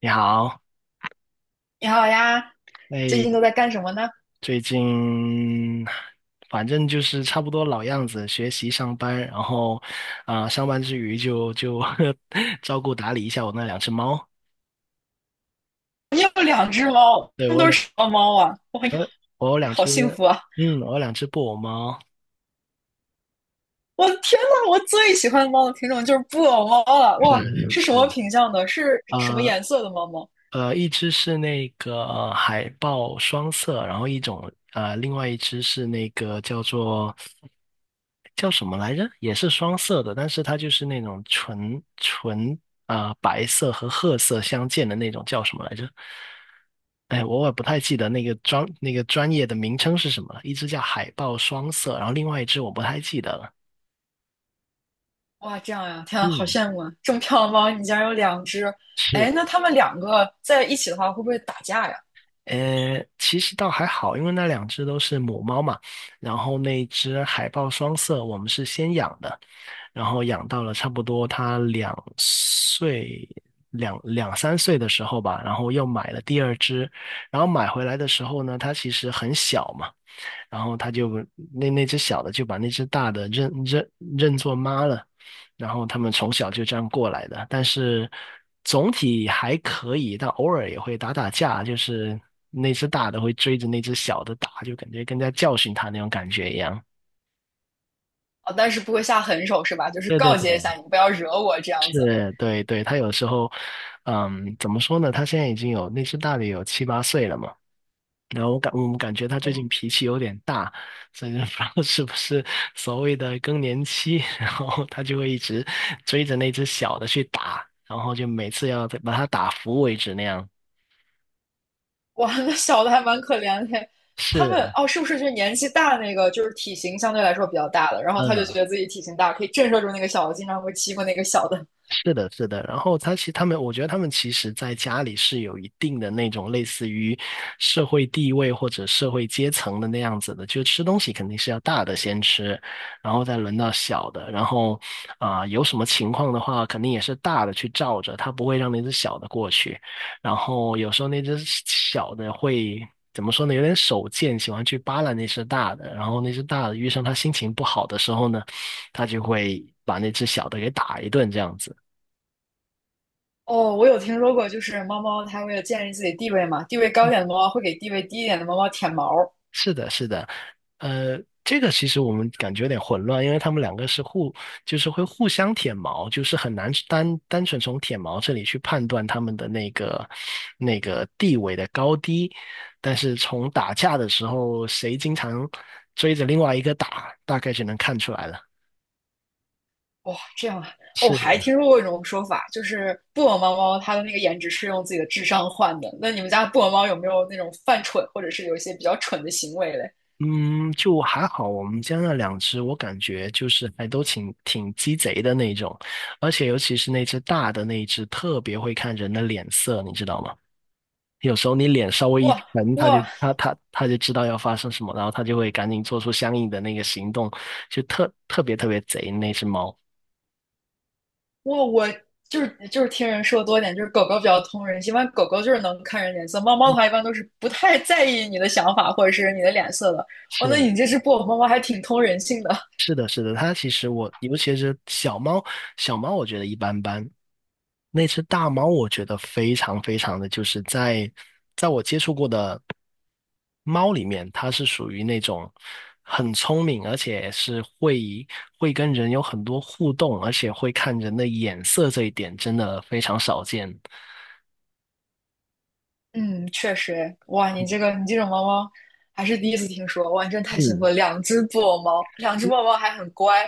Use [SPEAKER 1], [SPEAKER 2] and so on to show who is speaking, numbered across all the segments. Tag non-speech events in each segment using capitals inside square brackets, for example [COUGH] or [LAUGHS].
[SPEAKER 1] 你好，
[SPEAKER 2] 你好呀，最
[SPEAKER 1] 哎，
[SPEAKER 2] 近都在干什么呢？
[SPEAKER 1] 最近反正就是差不多老样子，学习、上班，然后上班之余就 [LAUGHS] 照顾打理一下我那两只猫。
[SPEAKER 2] 你有两只猫，
[SPEAKER 1] 对，
[SPEAKER 2] 它们都是什么猫啊？我呀，
[SPEAKER 1] 呃，我有两
[SPEAKER 2] 好
[SPEAKER 1] 只，
[SPEAKER 2] 幸福啊！
[SPEAKER 1] 我有两只布偶猫，
[SPEAKER 2] 我的天呐，我最喜欢的猫的品种就是布偶猫了。
[SPEAKER 1] 是
[SPEAKER 2] 哇，是什么
[SPEAKER 1] 是，
[SPEAKER 2] 品相的？是什么
[SPEAKER 1] 呃，
[SPEAKER 2] 颜色的猫猫？
[SPEAKER 1] 一只是那个海豹双色，然后另外一只是那个叫什么来着？也是双色的，但是它就是那种纯纯白色和褐色相间的那种，叫什么来着？哎，我也不太记得那个专业的名称是什么了。一只叫海豹双色，然后另外一只我不太记得了。
[SPEAKER 2] 哇，这样呀，天啊，好
[SPEAKER 1] 嗯，
[SPEAKER 2] 羡慕啊！这么漂亮的猫，你竟然有两只。
[SPEAKER 1] 是。
[SPEAKER 2] 哎，那它们两个在一起的话，会不会打架呀？
[SPEAKER 1] 其实倒还好，因为那两只都是母猫嘛，然后那一只海豹双色，我们是先养的，然后养到了差不多它2岁、两三岁的时候吧，然后又买了第二只，然后买回来的时候呢，它其实很小嘛，然后他就那那只小的就把那只大的认作妈了，然后他们从小就这样过来的，但是总体还可以，但偶尔也会打打架，就是那只大的会追着那只小的打，就感觉跟在教训他那种感觉一样。
[SPEAKER 2] 啊，但是不会下狠手是吧？就是
[SPEAKER 1] 对对
[SPEAKER 2] 告
[SPEAKER 1] 对，
[SPEAKER 2] 诫一下你，不要惹我这样子。
[SPEAKER 1] 是，对对，他有时候，怎么说呢？他现在已经有那只大的有七八岁了嘛。然后我们感觉他最
[SPEAKER 2] 哇，
[SPEAKER 1] 近脾气有点大，所以就 [LAUGHS] 不知道是不是所谓的更年期，[LAUGHS] 然后他就会一直追着那只小的去打，然后就每次要把它打服为止那样。
[SPEAKER 2] 哇，那小的还蛮可怜的。他们
[SPEAKER 1] 是，
[SPEAKER 2] 哦，是不是就是年纪大那个，就是体型相对来说比较大的，然后他就觉
[SPEAKER 1] 嗯。
[SPEAKER 2] 得自己体型大，可以震慑住那个小的，经常会欺负那个小的。[LAUGHS]
[SPEAKER 1] 是的，是的。然后他们，我觉得他们其实在家里是有一定的那种类似于社会地位或者社会阶层的那样子的，就吃东西肯定是要大的先吃，然后再轮到小的。然后有什么情况的话，肯定也是大的去罩着，他不会让那只小的过去。然后有时候那只小的会。怎么说呢？有点手贱，喜欢去扒拉那只大的，然后那只大的遇上他心情不好的时候呢，他就会把那只小的给打一顿，这样子。
[SPEAKER 2] 哦，我有听说过，就是猫猫它为了建立自己地位嘛，地位高一点的猫猫会给地位低一点的猫猫舔毛。
[SPEAKER 1] 是的，是的，呃，这个其实我们感觉有点混乱，因为他们两个就是会互相舔毛，就是很难单纯从舔毛这里去判断他们的那个地位的高低，但是从打架的时候，谁经常追着另外一个打，大概就能看出来了。
[SPEAKER 2] 哇，这样啊！哦，我
[SPEAKER 1] 是，
[SPEAKER 2] 还
[SPEAKER 1] 的。
[SPEAKER 2] 听说过一种说法，就是布偶猫猫它的那个颜值是用自己的智商换的。那你们家布偶猫有没有那种犯蠢，或者是有一些比较蠢的行为嘞？
[SPEAKER 1] 嗯，就还好，我们家那两只，我感觉就是还都挺鸡贼的那种，而且尤其是那只大的那一只，特别会看人的脸色，你知道吗？有时候你脸稍微一
[SPEAKER 2] 哇
[SPEAKER 1] 沉，它就
[SPEAKER 2] 哇，
[SPEAKER 1] 它它它就知道要发生什么，然后它就会赶紧做出相应的那个行动，就特别特别贼那只猫。
[SPEAKER 2] 我就是听人说多一点，就是狗狗比较通人性，一般狗狗就是能看人脸色，猫猫的话一般都是不太在意你的想法或者是你的脸色的。哦，那
[SPEAKER 1] 是
[SPEAKER 2] 你这只布偶猫猫还挺通人性的。[LAUGHS]
[SPEAKER 1] 是的，是的，它其实我尤其是小猫，小猫我觉得一般般，那只大猫，我觉得非常非常的，就是在我接触过的猫里面，它是属于那种很聪明，而且是会跟人有很多互动，而且会看人的眼色这一点，真的非常少见。
[SPEAKER 2] 嗯，确实，哎哇，你这种猫猫还是第一次听说，哇，你真太幸福
[SPEAKER 1] 嗯，
[SPEAKER 2] 了，两只布偶猫，两只布偶猫还很乖，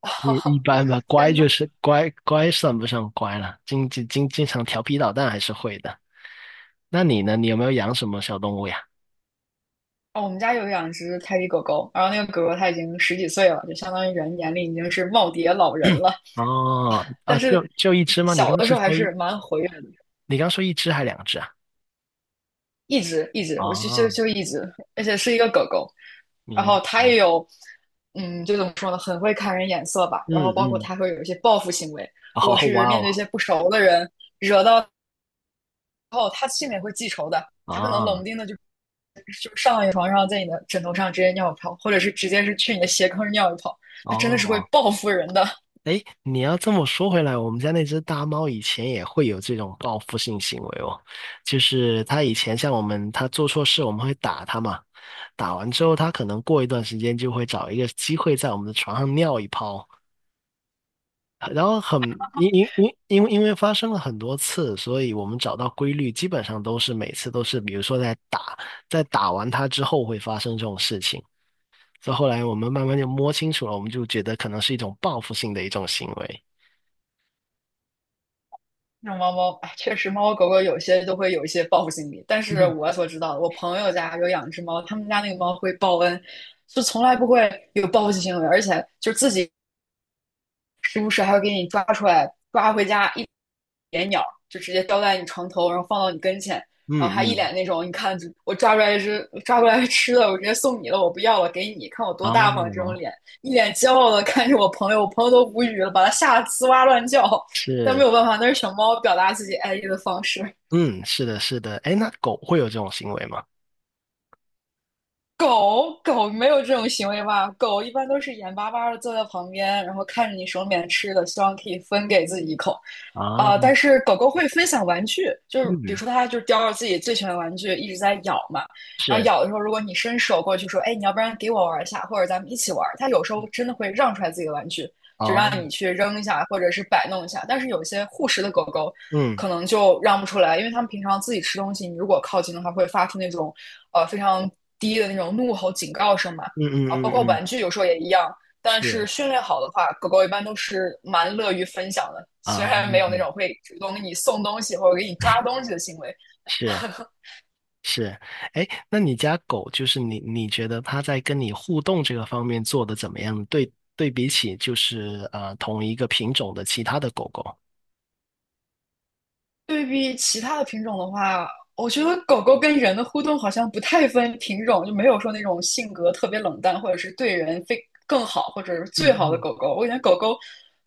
[SPEAKER 2] 哇、
[SPEAKER 1] 也一般吧，
[SPEAKER 2] [LAUGHS]
[SPEAKER 1] 乖
[SPEAKER 2] 天
[SPEAKER 1] 就
[SPEAKER 2] 呐！
[SPEAKER 1] 是乖，乖算不上乖了，经常调皮捣蛋还是会的。那你呢？你有没有养什么小动物呀？
[SPEAKER 2] 哦，我们家有两只泰迪狗狗，然后那个狗狗它已经十几岁了，就相当于人眼里已经是耄耋老人了。
[SPEAKER 1] 哦，啊，
[SPEAKER 2] 但
[SPEAKER 1] 就
[SPEAKER 2] 是
[SPEAKER 1] 就一只吗？
[SPEAKER 2] 小的时候还是蛮活跃的，
[SPEAKER 1] 你刚刚说一只还两只啊？
[SPEAKER 2] 一直，我就就
[SPEAKER 1] 啊，
[SPEAKER 2] 就一直，而且是一个狗狗，然后
[SPEAKER 1] 明，
[SPEAKER 2] 它也有，嗯，就怎么说呢，很会看人眼色吧，
[SPEAKER 1] 嗯
[SPEAKER 2] 然后包括
[SPEAKER 1] 嗯，
[SPEAKER 2] 它会有一些报复行为，
[SPEAKER 1] [LAUGHS]
[SPEAKER 2] 如果
[SPEAKER 1] 哦，哇
[SPEAKER 2] 是面
[SPEAKER 1] 哦，
[SPEAKER 2] 对一些不熟的人，惹到后，它心里也会记仇的。它可能冷不
[SPEAKER 1] 啊，
[SPEAKER 2] 丁的就上你床上，在你的枕头上直接尿一泡，或者是直接是去你的鞋坑尿一泡，它真的是会
[SPEAKER 1] 哦，
[SPEAKER 2] 报复人的。
[SPEAKER 1] 哎，你要这么说回来，我们家那只大猫以前也会有这种报复性行为哦，就是它以前像我们，它做错事我们会打它嘛，打完之后它可能过一段时间就会找一个机会在我们的床上尿一泡，然后很因因因因为因为发生了很多次，所以我们找到规律，基本上都是每次都是，比如说在打完它之后会发生这种事情。所以后来我们慢慢就摸清楚了，我们就觉得可能是一种报复性的一种行为。
[SPEAKER 2] 那种猫猫，哎，确实猫猫狗狗有些都会有一些报复心理。但是
[SPEAKER 1] 嗯
[SPEAKER 2] 我所知道的，我朋友家有养只猫，他们家那个猫会报恩，就从来不会有报复性行为，而且就自己时不时还会给你抓出来，抓回家一连鸟，就直接叼在你床头，然后放到你跟前，然后
[SPEAKER 1] 嗯
[SPEAKER 2] 还一
[SPEAKER 1] 嗯，
[SPEAKER 2] 脸那种，你看我抓出来一只，抓过来吃的，我直接送你了，我不要了，给你，看我多大方这种
[SPEAKER 1] 啊，
[SPEAKER 2] 脸，一脸骄傲的看着我朋友，我朋友都无语了，把他吓得呲哇乱叫，[LAUGHS] 但
[SPEAKER 1] 是，
[SPEAKER 2] 没有办法，那是小猫表达自己爱意的方式。
[SPEAKER 1] 嗯，是的，是的。哎，那狗会有这种行为吗？
[SPEAKER 2] 狗狗没有这种行为吧？狗一般都是眼巴巴的坐在旁边，然后看着你手里面吃的，希望可以分给自己一口。
[SPEAKER 1] 啊，
[SPEAKER 2] 啊、但是狗狗会分享玩具，就是比如
[SPEAKER 1] 嗯，
[SPEAKER 2] 说它就是叼着自己最喜欢的玩具一直在咬嘛，然后
[SPEAKER 1] 是，
[SPEAKER 2] 咬的时候，如果你伸手过去说，哎，你要不然给我玩一下，或者咱们一起玩，它有时候真的会让出来自己的玩具，就
[SPEAKER 1] 啊，
[SPEAKER 2] 让你去扔一下或者是摆弄一下。但是有些护食的狗狗
[SPEAKER 1] 嗯
[SPEAKER 2] 可能就让不出来，因为它们平常自己吃东西，你如果靠近的话，会发出那种非常低的那种怒吼警告声嘛。
[SPEAKER 1] 嗯嗯
[SPEAKER 2] 啊，包括
[SPEAKER 1] 嗯嗯，
[SPEAKER 2] 玩具有时候也一样。但
[SPEAKER 1] 是，
[SPEAKER 2] 是训练好的话，狗狗一般都是蛮乐于分享的，虽
[SPEAKER 1] 啊，
[SPEAKER 2] 然没有那
[SPEAKER 1] 嗯，
[SPEAKER 2] 种会主动给你送东西或者给你抓东西的行为，
[SPEAKER 1] 是是。哎，那你家狗就是你，你觉得它在跟你互动这个方面做的怎么样？对对比起就是同一个品种的其他的狗狗，
[SPEAKER 2] 对比其他的品种的话，我觉得狗狗跟人的互动好像不太分品种，就没有说那种性格特别冷淡，或者是对人非更好，或者是最好的
[SPEAKER 1] 嗯
[SPEAKER 2] 狗狗。我感觉狗狗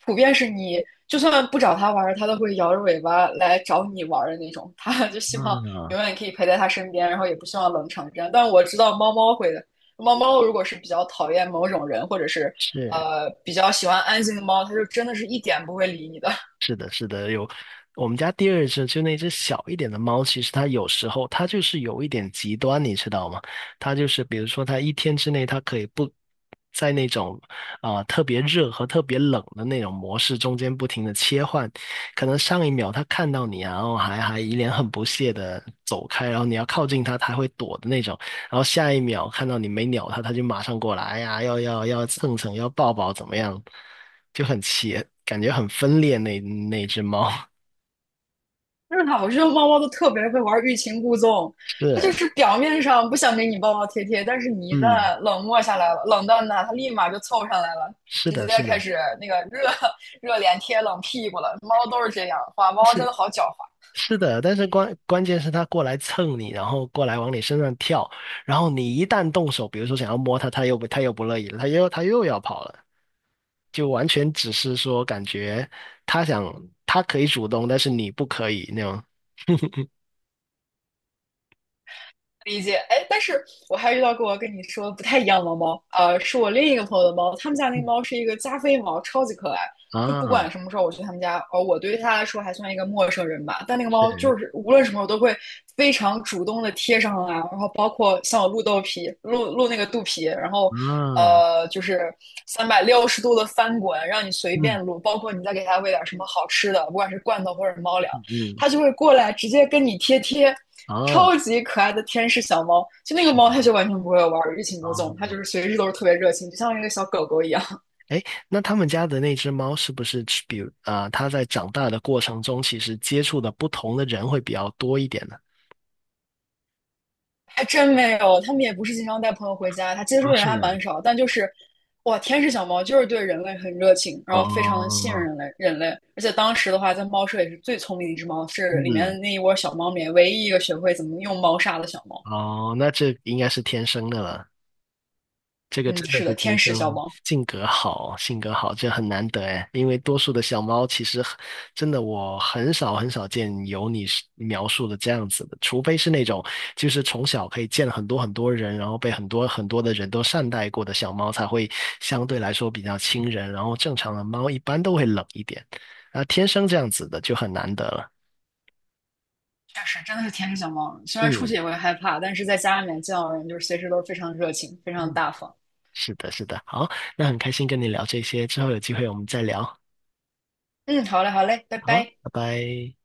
[SPEAKER 2] 普遍是你就算不找它玩儿，它都会摇着尾巴来找你玩儿的那种。它就希望
[SPEAKER 1] 嗯，啊，
[SPEAKER 2] 永远可以陪在它身边，然后也不希望冷场这样。但我知道猫猫会的，猫猫如果是比较讨厌某种人，或者是
[SPEAKER 1] 是。
[SPEAKER 2] 比较喜欢安静的猫，它就真的是一点不会理你的。
[SPEAKER 1] 是的，是的，有我们家第二只就那只小一点的猫，其实它有时候它就是有一点极端，你知道吗？它就是比如说它一天之内它可以不在那种特别热和特别冷的那种模式中间不停的切换，可能上一秒它看到你啊，然后还一脸很不屑的走开，然后你要靠近它，它会躲的那种。然后下一秒看到你没鸟它，它就马上过来，哎呀，要蹭蹭，要抱抱，怎么样？就感觉很分裂那只猫。[LAUGHS]
[SPEAKER 2] 就是的，我觉得猫猫都特别会玩欲擒故纵，它就
[SPEAKER 1] 是，
[SPEAKER 2] 是表面上不想给你抱抱贴贴，但是你一
[SPEAKER 1] 嗯，
[SPEAKER 2] 旦冷漠下来了，冷淡它，它立马就凑上来了，
[SPEAKER 1] 是
[SPEAKER 2] 直
[SPEAKER 1] 的，
[SPEAKER 2] 接
[SPEAKER 1] 是
[SPEAKER 2] 开
[SPEAKER 1] 的，
[SPEAKER 2] 始那个热 [LAUGHS] 热脸贴冷屁股了。猫都是这样，哇，猫真
[SPEAKER 1] 是
[SPEAKER 2] 的好狡猾。
[SPEAKER 1] 是的，但是关键是它过来蹭你，然后过来往你身上跳，然后你一旦动手，比如说想要摸它，它又不乐意了，它又要跑了，就完全只是说感觉它想它可以主动，但是你不可以那种。
[SPEAKER 2] 理解，哎，但是我还遇到过跟你说不太一样的猫，是我另一个朋友的猫，他们家那个
[SPEAKER 1] 嗯
[SPEAKER 2] 猫是一个加菲猫，超级可爱。就不
[SPEAKER 1] 啊，
[SPEAKER 2] 管什么时候我去他们家，我对它来说还算一个陌生人吧，但那个猫
[SPEAKER 1] 是
[SPEAKER 2] 就是无论什么时候都会非常主动的贴上来，然后包括像我露豆皮，露露那个肚皮，然后
[SPEAKER 1] 啊，
[SPEAKER 2] 就是360度的翻滚，让你随
[SPEAKER 1] 嗯
[SPEAKER 2] 便撸，包括你再给它喂点什么好吃的，不管是罐头或者猫粮，
[SPEAKER 1] 嗯，
[SPEAKER 2] 它就会过来直接跟你贴贴，
[SPEAKER 1] 哦，
[SPEAKER 2] 超级可爱的天使小猫。就那个
[SPEAKER 1] 是
[SPEAKER 2] 猫，它就完全不会玩，欲擒故纵，它
[SPEAKER 1] 哦，
[SPEAKER 2] 就是随时都是特别热情，就像一个小狗狗一样。[LAUGHS]
[SPEAKER 1] 哎，那他们家的那只猫是不是比如它在长大的过程中，其实接触的不同的人会比较多一点呢？
[SPEAKER 2] 还真没有，他们也不是经常带朋友回家，它接触
[SPEAKER 1] 啊，
[SPEAKER 2] 人
[SPEAKER 1] 是
[SPEAKER 2] 还
[SPEAKER 1] 的，
[SPEAKER 2] 蛮少，但就是。哇，天使小猫就是对人类很热情，然后非常的信任
[SPEAKER 1] 哦，
[SPEAKER 2] 人类。人类，而且当时的话，在猫舍也是最聪明的一只猫，是里
[SPEAKER 1] 嗯，
[SPEAKER 2] 面那一窝小猫里面唯一一个学会怎么用猫砂的小猫。
[SPEAKER 1] 哦，那这应该是天生的了。这个
[SPEAKER 2] 嗯，
[SPEAKER 1] 真的
[SPEAKER 2] 是
[SPEAKER 1] 是
[SPEAKER 2] 的，
[SPEAKER 1] 天
[SPEAKER 2] 天
[SPEAKER 1] 生
[SPEAKER 2] 使小猫。
[SPEAKER 1] 性格好，性格好，这很难得哎。因为多数的小猫其实真的，我很少很少见有你是描述的这样子的，除非是那种就是从小可以见很多很多人，然后被很多很多的人都善待过的小猫，才会相对来说比较亲人。然后正常的猫一般都会冷一点，啊，天生这样子的就很难得了。
[SPEAKER 2] 确实真的是天使小猫。虽然出去
[SPEAKER 1] 嗯
[SPEAKER 2] 也会害怕，但是在家里面见到人就是随时都是非常热情、非常
[SPEAKER 1] 嗯，
[SPEAKER 2] 大方。
[SPEAKER 1] 是的，是的。好，那很开心跟你聊这些，之后有机会我们再聊。
[SPEAKER 2] 嗯，好嘞，好嘞，拜
[SPEAKER 1] 好，
[SPEAKER 2] 拜。
[SPEAKER 1] 拜拜。